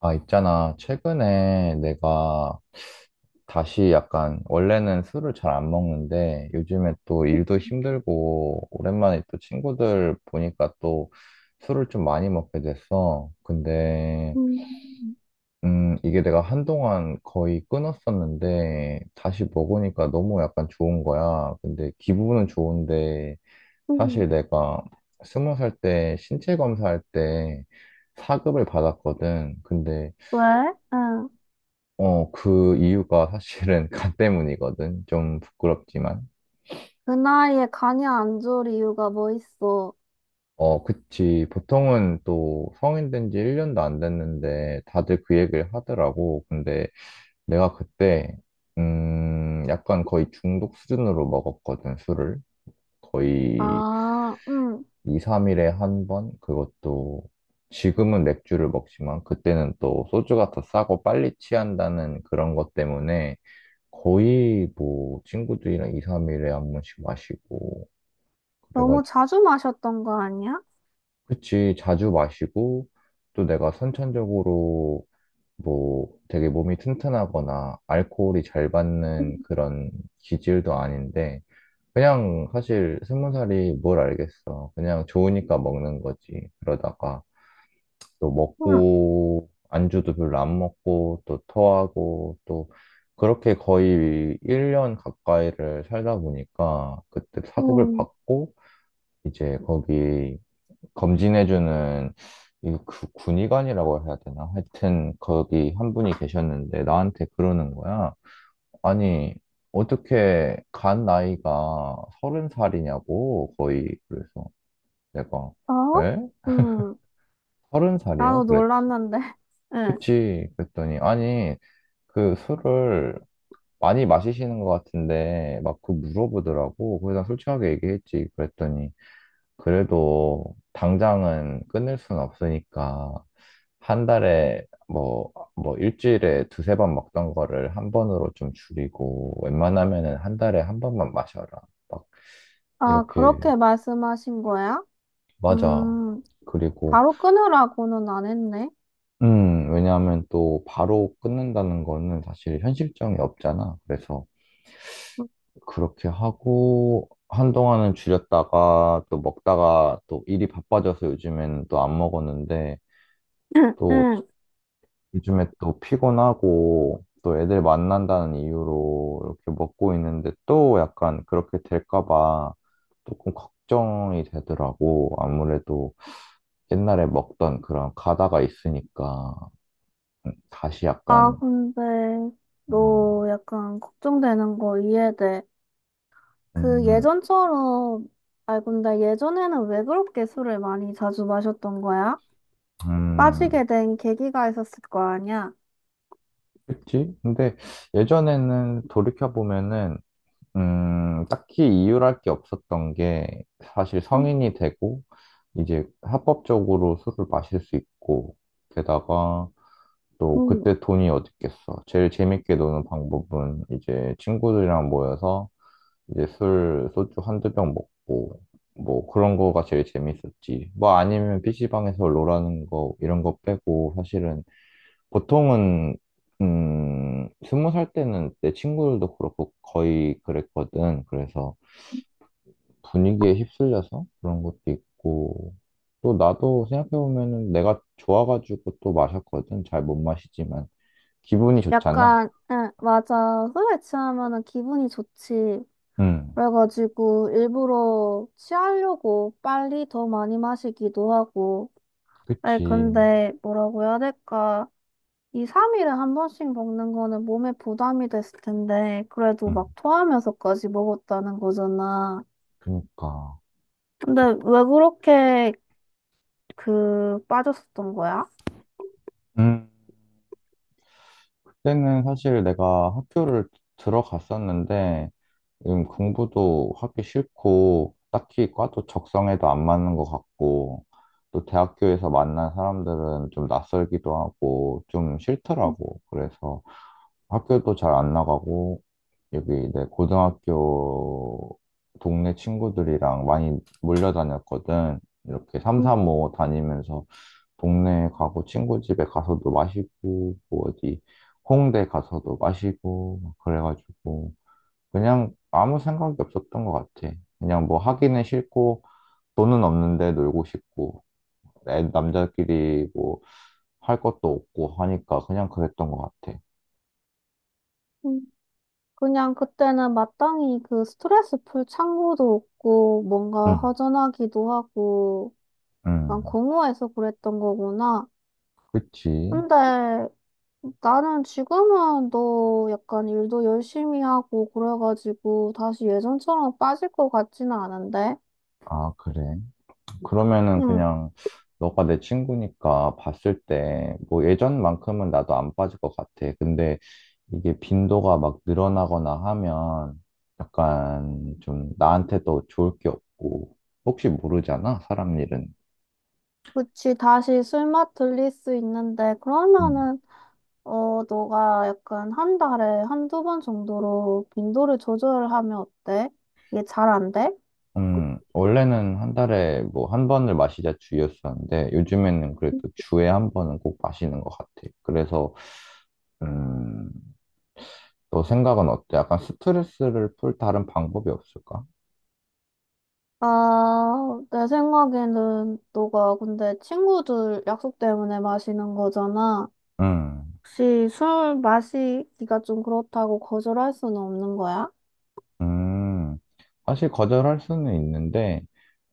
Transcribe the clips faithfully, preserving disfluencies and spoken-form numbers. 아, 있잖아. 최근에 내가 다시 약간, 원래는 술을 잘 안 먹는데, 요즘에 또 일도 힘들고, 오랜만에 또 친구들 보니까 또 술을 좀 많이 먹게 됐어. 근데, 음, 음, 이게 내가 한동안 거의 끊었었는데, 다시 먹으니까 너무 약간 좋은 거야. 근데 기분은 좋은데, 음. 사실 내가 스무 살 때 신체 검사할 때 사급을 받았거든. 근데 왜? 응. 어, 그 이유가 사실은 간 때문이거든. 좀 부끄럽지만. 그 나이에 간이 안 좋을 이유가 뭐 있어? 어, 그치. 보통은 또 성인 된 지 일 년도 안 됐는데 다들 그 얘기를 하더라고. 근데 내가 그때, 음, 약간 거의 중독 수준으로 먹었거든, 술을. 거의 아, 응. 이, 삼 일에 한 번? 그것도 지금은 맥주를 먹지만 그때는 또 소주가 더 싸고 빨리 취한다는 그런 것 때문에 거의 뭐 친구들이랑 이, 삼 일에 한 번씩 마시고 너무 그래가지고, 자주 마셨던 거 아니야? 그치, 자주 마시고, 또 내가 선천적으로 뭐 되게 몸이 튼튼하거나 알코올이 잘 받는 그런 기질도 아닌데, 그냥 사실 스무 살이 뭘 알겠어. 그냥 좋으니까 먹는 거지. 그러다가 또 응, 먹고 안주도 별로 안 먹고 또 토하고, 또 그렇게 거의 일 년 가까이를 살다 보니까 그때 사급을 응. 받고, 이제 거기 검진해주는, 이 그 군의관이라고 해야 되나? 하여튼 거기 한 분이 계셨는데 나한테 그러는 거야. 아니, 어떻게 간 나이가 서른 살이냐고. 거의 그래서 내가, 어? 에? 응. 서른 나도 살이요? 그랬지. 놀랐는데. 응. 그치. 그랬더니, 아니, 그 술을 많이 마시시는 것 같은데 막 그 물어보더라고. 그래서 난 솔직하게 얘기했지. 그랬더니 그래도 당장은 끊을 순 없으니까 한 달에 뭐, 뭐 일주일에 두세 번 먹던 거를 한 번으로 좀 줄이고 웬만하면은 한 달에 한 번만 마셔라. 막 아, 이렇게. 그렇게 말씀하신 거야? 맞아. 음, 그리고 바로 끊으라고는 안 했네. 음, 왜냐하면 또 바로 끊는다는 거는 사실 현실성이 없잖아. 그래서 그렇게 하고 한동안은 줄였다가 또 먹다가 또 일이 바빠져서 요즘엔 또 안 먹었는데, 또 응. 요즘에 또 피곤하고 또 애들 만난다는 이유로 이렇게 먹고 있는데, 또 약간 그렇게 될까 봐 조금 걱정이 되더라고. 아무래도 옛날에 먹던 그런 가다가 있으니까 음, 다시 아, 약간 근데 음, 너 약간 걱정되는 거 이해돼. 그 음, 예전처럼, 아이, 근데 예전에는 왜 그렇게 술을 많이 자주 마셨던 거야? 음, 빠지게 된 계기가 있었을 거 아니야? 그치? 근데 예전에는 돌이켜보면은 음, 딱히 이유랄 게 없었던 게, 사실 음, 성인이 되고 이제 합법적으로 술을 마실 수 있고, 게다가 또 음. 그때 돈이 어딨겠어. 제일 재밌게 노는 방법은 이제 친구들이랑 모여서 이제 술, 소주 한두 병 먹고 뭐 그런 거가 제일 재밌었지. 뭐 아니면 피시방에서 롤하는 거 이런 거 빼고, 사실은 보통은 음, 스무 살 때는 내 친구들도 그렇고 거의 그랬거든. 그래서 분위기에 휩쓸려서 그런 것도 있고, 또 나도 생각해보면은 내가 좋아가지고 또 마셨거든. 잘 못 마시지만. 기분이 좋잖아. 약간, 응, 맞아. 술에 취하면은 기분이 좋지. 응, 그래가지고 일부러 취하려고 빨리 더 많이 마시기도 하고. 아니, 그치. 근데 뭐라고 해야 될까? 이 삼 일에 한 번씩 먹는 거는 몸에 부담이 됐을 텐데, 그래도 응, 막 토하면서까지 먹었다는 거잖아. 그니까. 근데 왜 그렇게 그 빠졌었던 거야? 음. 그때는 사실 내가 학교를 들어갔었는데, 음, 공부도 하기 싫고, 딱히 과도 적성에도 안 맞는 것 같고, 또 대학교에서 만난 사람들은 좀 낯설기도 하고, 좀 싫더라고. 그래서 학교도 잘 안 나가고, 여기 내 고등학교 동네 친구들이랑 많이 몰려다녔거든. 이렇게 음, 삼삼오오 다니면서 동네에 가고 친구 집에 가서도 마시고 뭐 어디 홍대 가서도 마시고 막 그래가지고, 그냥 아무 생각이 없었던 것 같아. 그냥 뭐 하기는 싫고 돈은 없는데 놀고 싶고, 애- 남자끼리 뭐 할 것도 없고 하니까 그냥 그랬던 것 같아. 음. 그냥 그때는 마땅히 그 스트레스 풀 창구도 없고 뭔가 응, 허전하기도 하고 난 응, 공허해서 그랬던 거구나. 그치. 근데 나는 지금은 너 약간 일도 열심히 하고 그래가지고 다시 예전처럼 빠질 것 같지는 않은데. 아, 그래. 그러면은 응, 그냥, 너가 내 친구니까 봤을 때 뭐 예전만큼은 나도 안 빠질 것 같아. 근데 이게 빈도가 막 늘어나거나 하면 약간 좀 나한테도 좋을 게 없고, 혹시 모르잖아, 사람 일은. 그치 다시 술맛 들릴 수 있는데 음. 그러면은 어, 너가 약간 한 달에 한두 번 정도로 빈도를 조절하면 어때? 이게 잘 안 돼? 음, 원래는 한 달에 뭐 한 번을 마시자 주였었는데 요즘에는 그래도 주에 한 번은 꼭 마시는 것 같아. 그래서 음, 너 생각은 어때? 약간 스트레스를 풀 다른 방법이 없을까? 아, 내 생각에는 너가 근데 친구들 약속 때문에 마시는 거잖아. 음. 혹시 술 마시기가 좀 그렇다고 거절할 수는 없는 거야? 음, 사실 거절할 수는 있는데,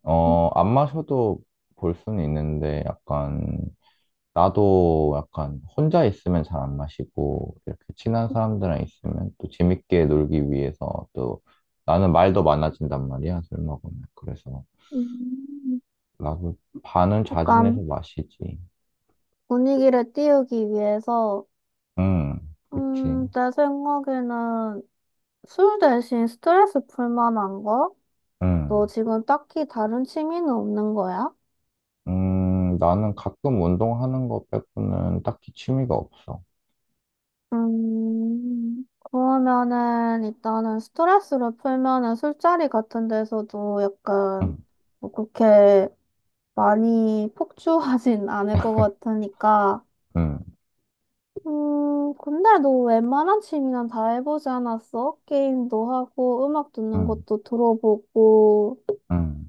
어, 안 마셔도 볼 수는 있는데, 약간, 나도 약간 혼자 있으면 잘 안 마시고, 이렇게 친한 사람들이랑 있으면 또 재밌게 놀기 위해서 또 나는 말도 많아진단 말이야, 술 먹으면. 그래서 음, 나도 반은 자진해서 약간 마시지. 분위기를 띄우기 위해서, 응, 그치. 음, 내 생각에는 술 대신 스트레스 풀 만한 거? 너 응. 지금 딱히 다른 취미는 없는 거야? 음, 나는 가끔 운동하는 거 빼고는 딱히 취미가 없어. 음, 그러면은 일단은 스트레스를 풀면은 술자리 같은 데서도 응, 약간 뭐 그렇게 많이 폭주하진 않을 것 같으니까. 응, 음, 근데 너 웬만한 취미는 다 해보지 않았어? 게임도 하고 음악 듣는 응, 것도 들어보고. 응.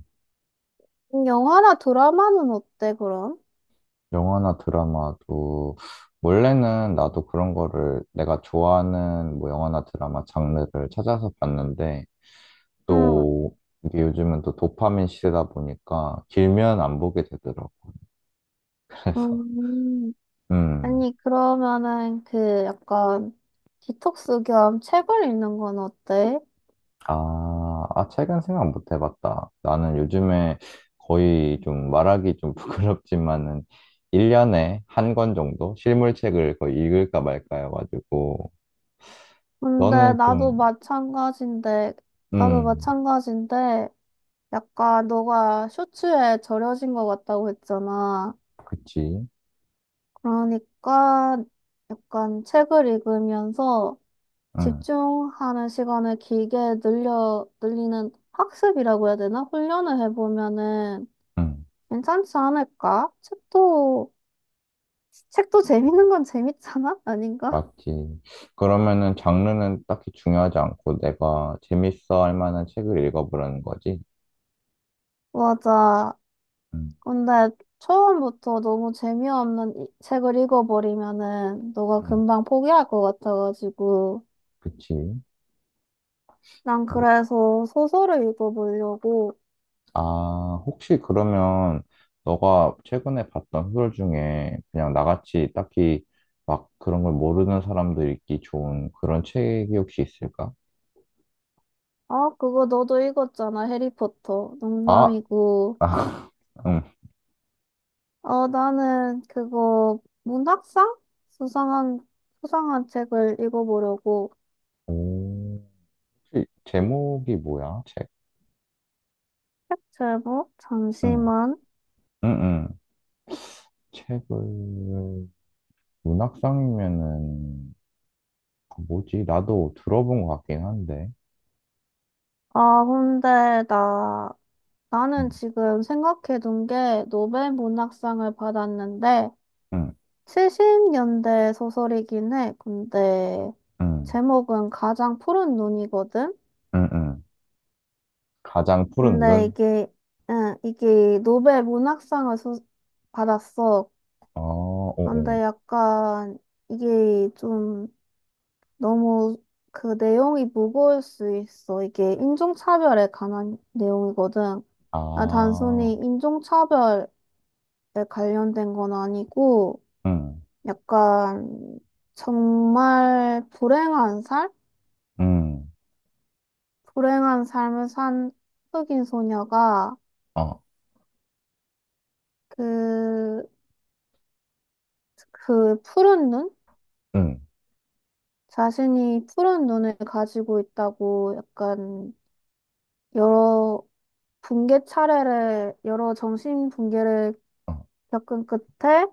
영화나 드라마는 어때, 그럼? 영화나 드라마도 원래는 나도 그런 거를, 내가 좋아하는 뭐 영화나 드라마 장르를 찾아서 봤는데, 응. 또 이게 요즘은 또 도파민 시대다 보니까 길면 안 보게 되더라고. 그래서 음. 음. 아니, 그러면은 그 약간 디톡스 겸 책을 읽는 건 어때? 아, 아, 최근 생각 못 해봤다. 나는 요즘에 거의 좀, 말하기 좀 부끄럽지만은, 일 년에 한 권 정도 실물책을 거의 읽을까 말까 해가지고. 근데 너는 좀 나도 마찬가지인데, 나도 음, 마찬가지인데, 약간 너가 쇼츠에 절여진 것 같다고 했잖아. 그치. 그러니까 약간 책을 읽으면서 음. 집중하는 시간을 길게 늘려, 늘리는 학습이라고 해야 되나? 훈련을 해보면은 응, 괜찮지 않을까? 책도 책도 재밌는 건 재밌잖아? 아닌가? 맞지. 그러면은 장르는 딱히 중요하지 않고 내가 재밌어 할 만한 책을 읽어보라는 거지. 맞아. 응, 근데 처음부터 너무 재미없는 이- 책을 읽어버리면은 너가 응, 금방 포기할 것 같아가지고. 그치. 난 뭐, 그래서 소설을 읽어보려고. 아, 혹시 그러면, 너가 최근에 봤던 소설 중에 그냥 나같이 딱히 막 그런 걸 모르는 사람도 읽기 좋은 그런 책이 혹시 있을까? 아, 그거 너도 읽었잖아. 해리포터. 아, 농담이고. 아, 응. 어, 나는 그거 문학상? 수상한, 수상한 책을 읽어보려고. 오, 혹시 제목이 뭐야, 책? 책 제목? 응, 잠시만. 응, 응. 책을, 문학상이면은, 아, 뭐지? 나도 들어본 것 같긴 한데. 아, 근데 나 응, 나는 지금 생각해 둔 게 노벨 문학상을 받았는데 응, 칠십 년대 소설이긴 해. 근데 응, 제목은 가장 푸른 눈이거든. 응, 응. 가장 푸른 근데 눈? 이게 응, 이게 노벨 문학상을 수- 받았어. 어, 오, 오. 근데 약간 이게 좀 너무 그 내용이 무거울 수 있어. 이게 인종차별에 관한 내용이거든. 아, 단순히 아, 인종차별에 관련된 건 아니고 응, 약간 정말 불행한 삶? 응, 불행한 삶을 산 흑인 소녀가 어, 그, 그 푸른 눈? 응, 자신이 푸른 눈을 가지고 있다고 약간 여러 붕괴 차례를, 여러 정신 붕괴를 어, 겪은 끝에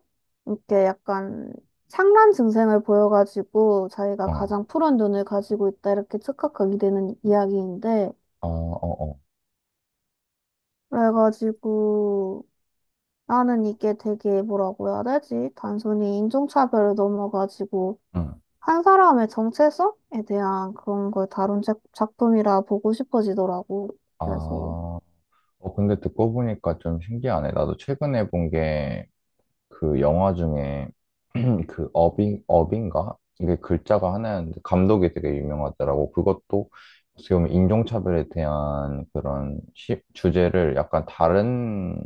이렇게 약간 상란 증세를 보여가지고 자기가 어, 가장 푸른 눈을 가지고 있다 이렇게 착각하게 되는 이야기인데 아, 어, 어, 그래가지고 나는 이게 되게 뭐라고 해야 되지? 단순히 인종차별을 넘어가지고 응, 한 사람의 정체성에 대한 그런 걸 다룬 작- 작품이라 보고 싶어지더라고. 그래서 아. 어, 근데 듣고 보니까 좀 신기하네. 나도 최근에 본게, 그 영화 중에 그 어빙 어빙가, 이게 글자가 하나였는데, 감독이 되게 유명하더라고. 그것도 어떻게 보면 인종차별에 대한 그런 시- 주제를 약간 다른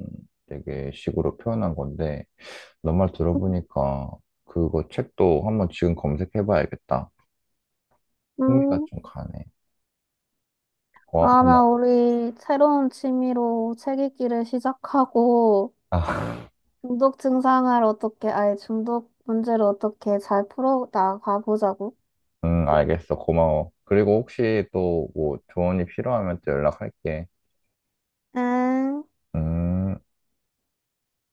되게 식으로 표현한 건데, 너 말 들어보니까 그거 책도 한번 지금 검색해봐야겠다. 흥미가 음, 좀 가네. 고, 아마 고마워. 우리 새로운 취미로 책 읽기를 시작하고 아, 중독 증상을 어떻게, 아니 중독 문제를 어떻게 잘 풀어 나가 보자고. 응, 알겠어. 고마워. 그리고 혹시 또 뭐 조언이 필요하면 또 연락할게. 응. 음.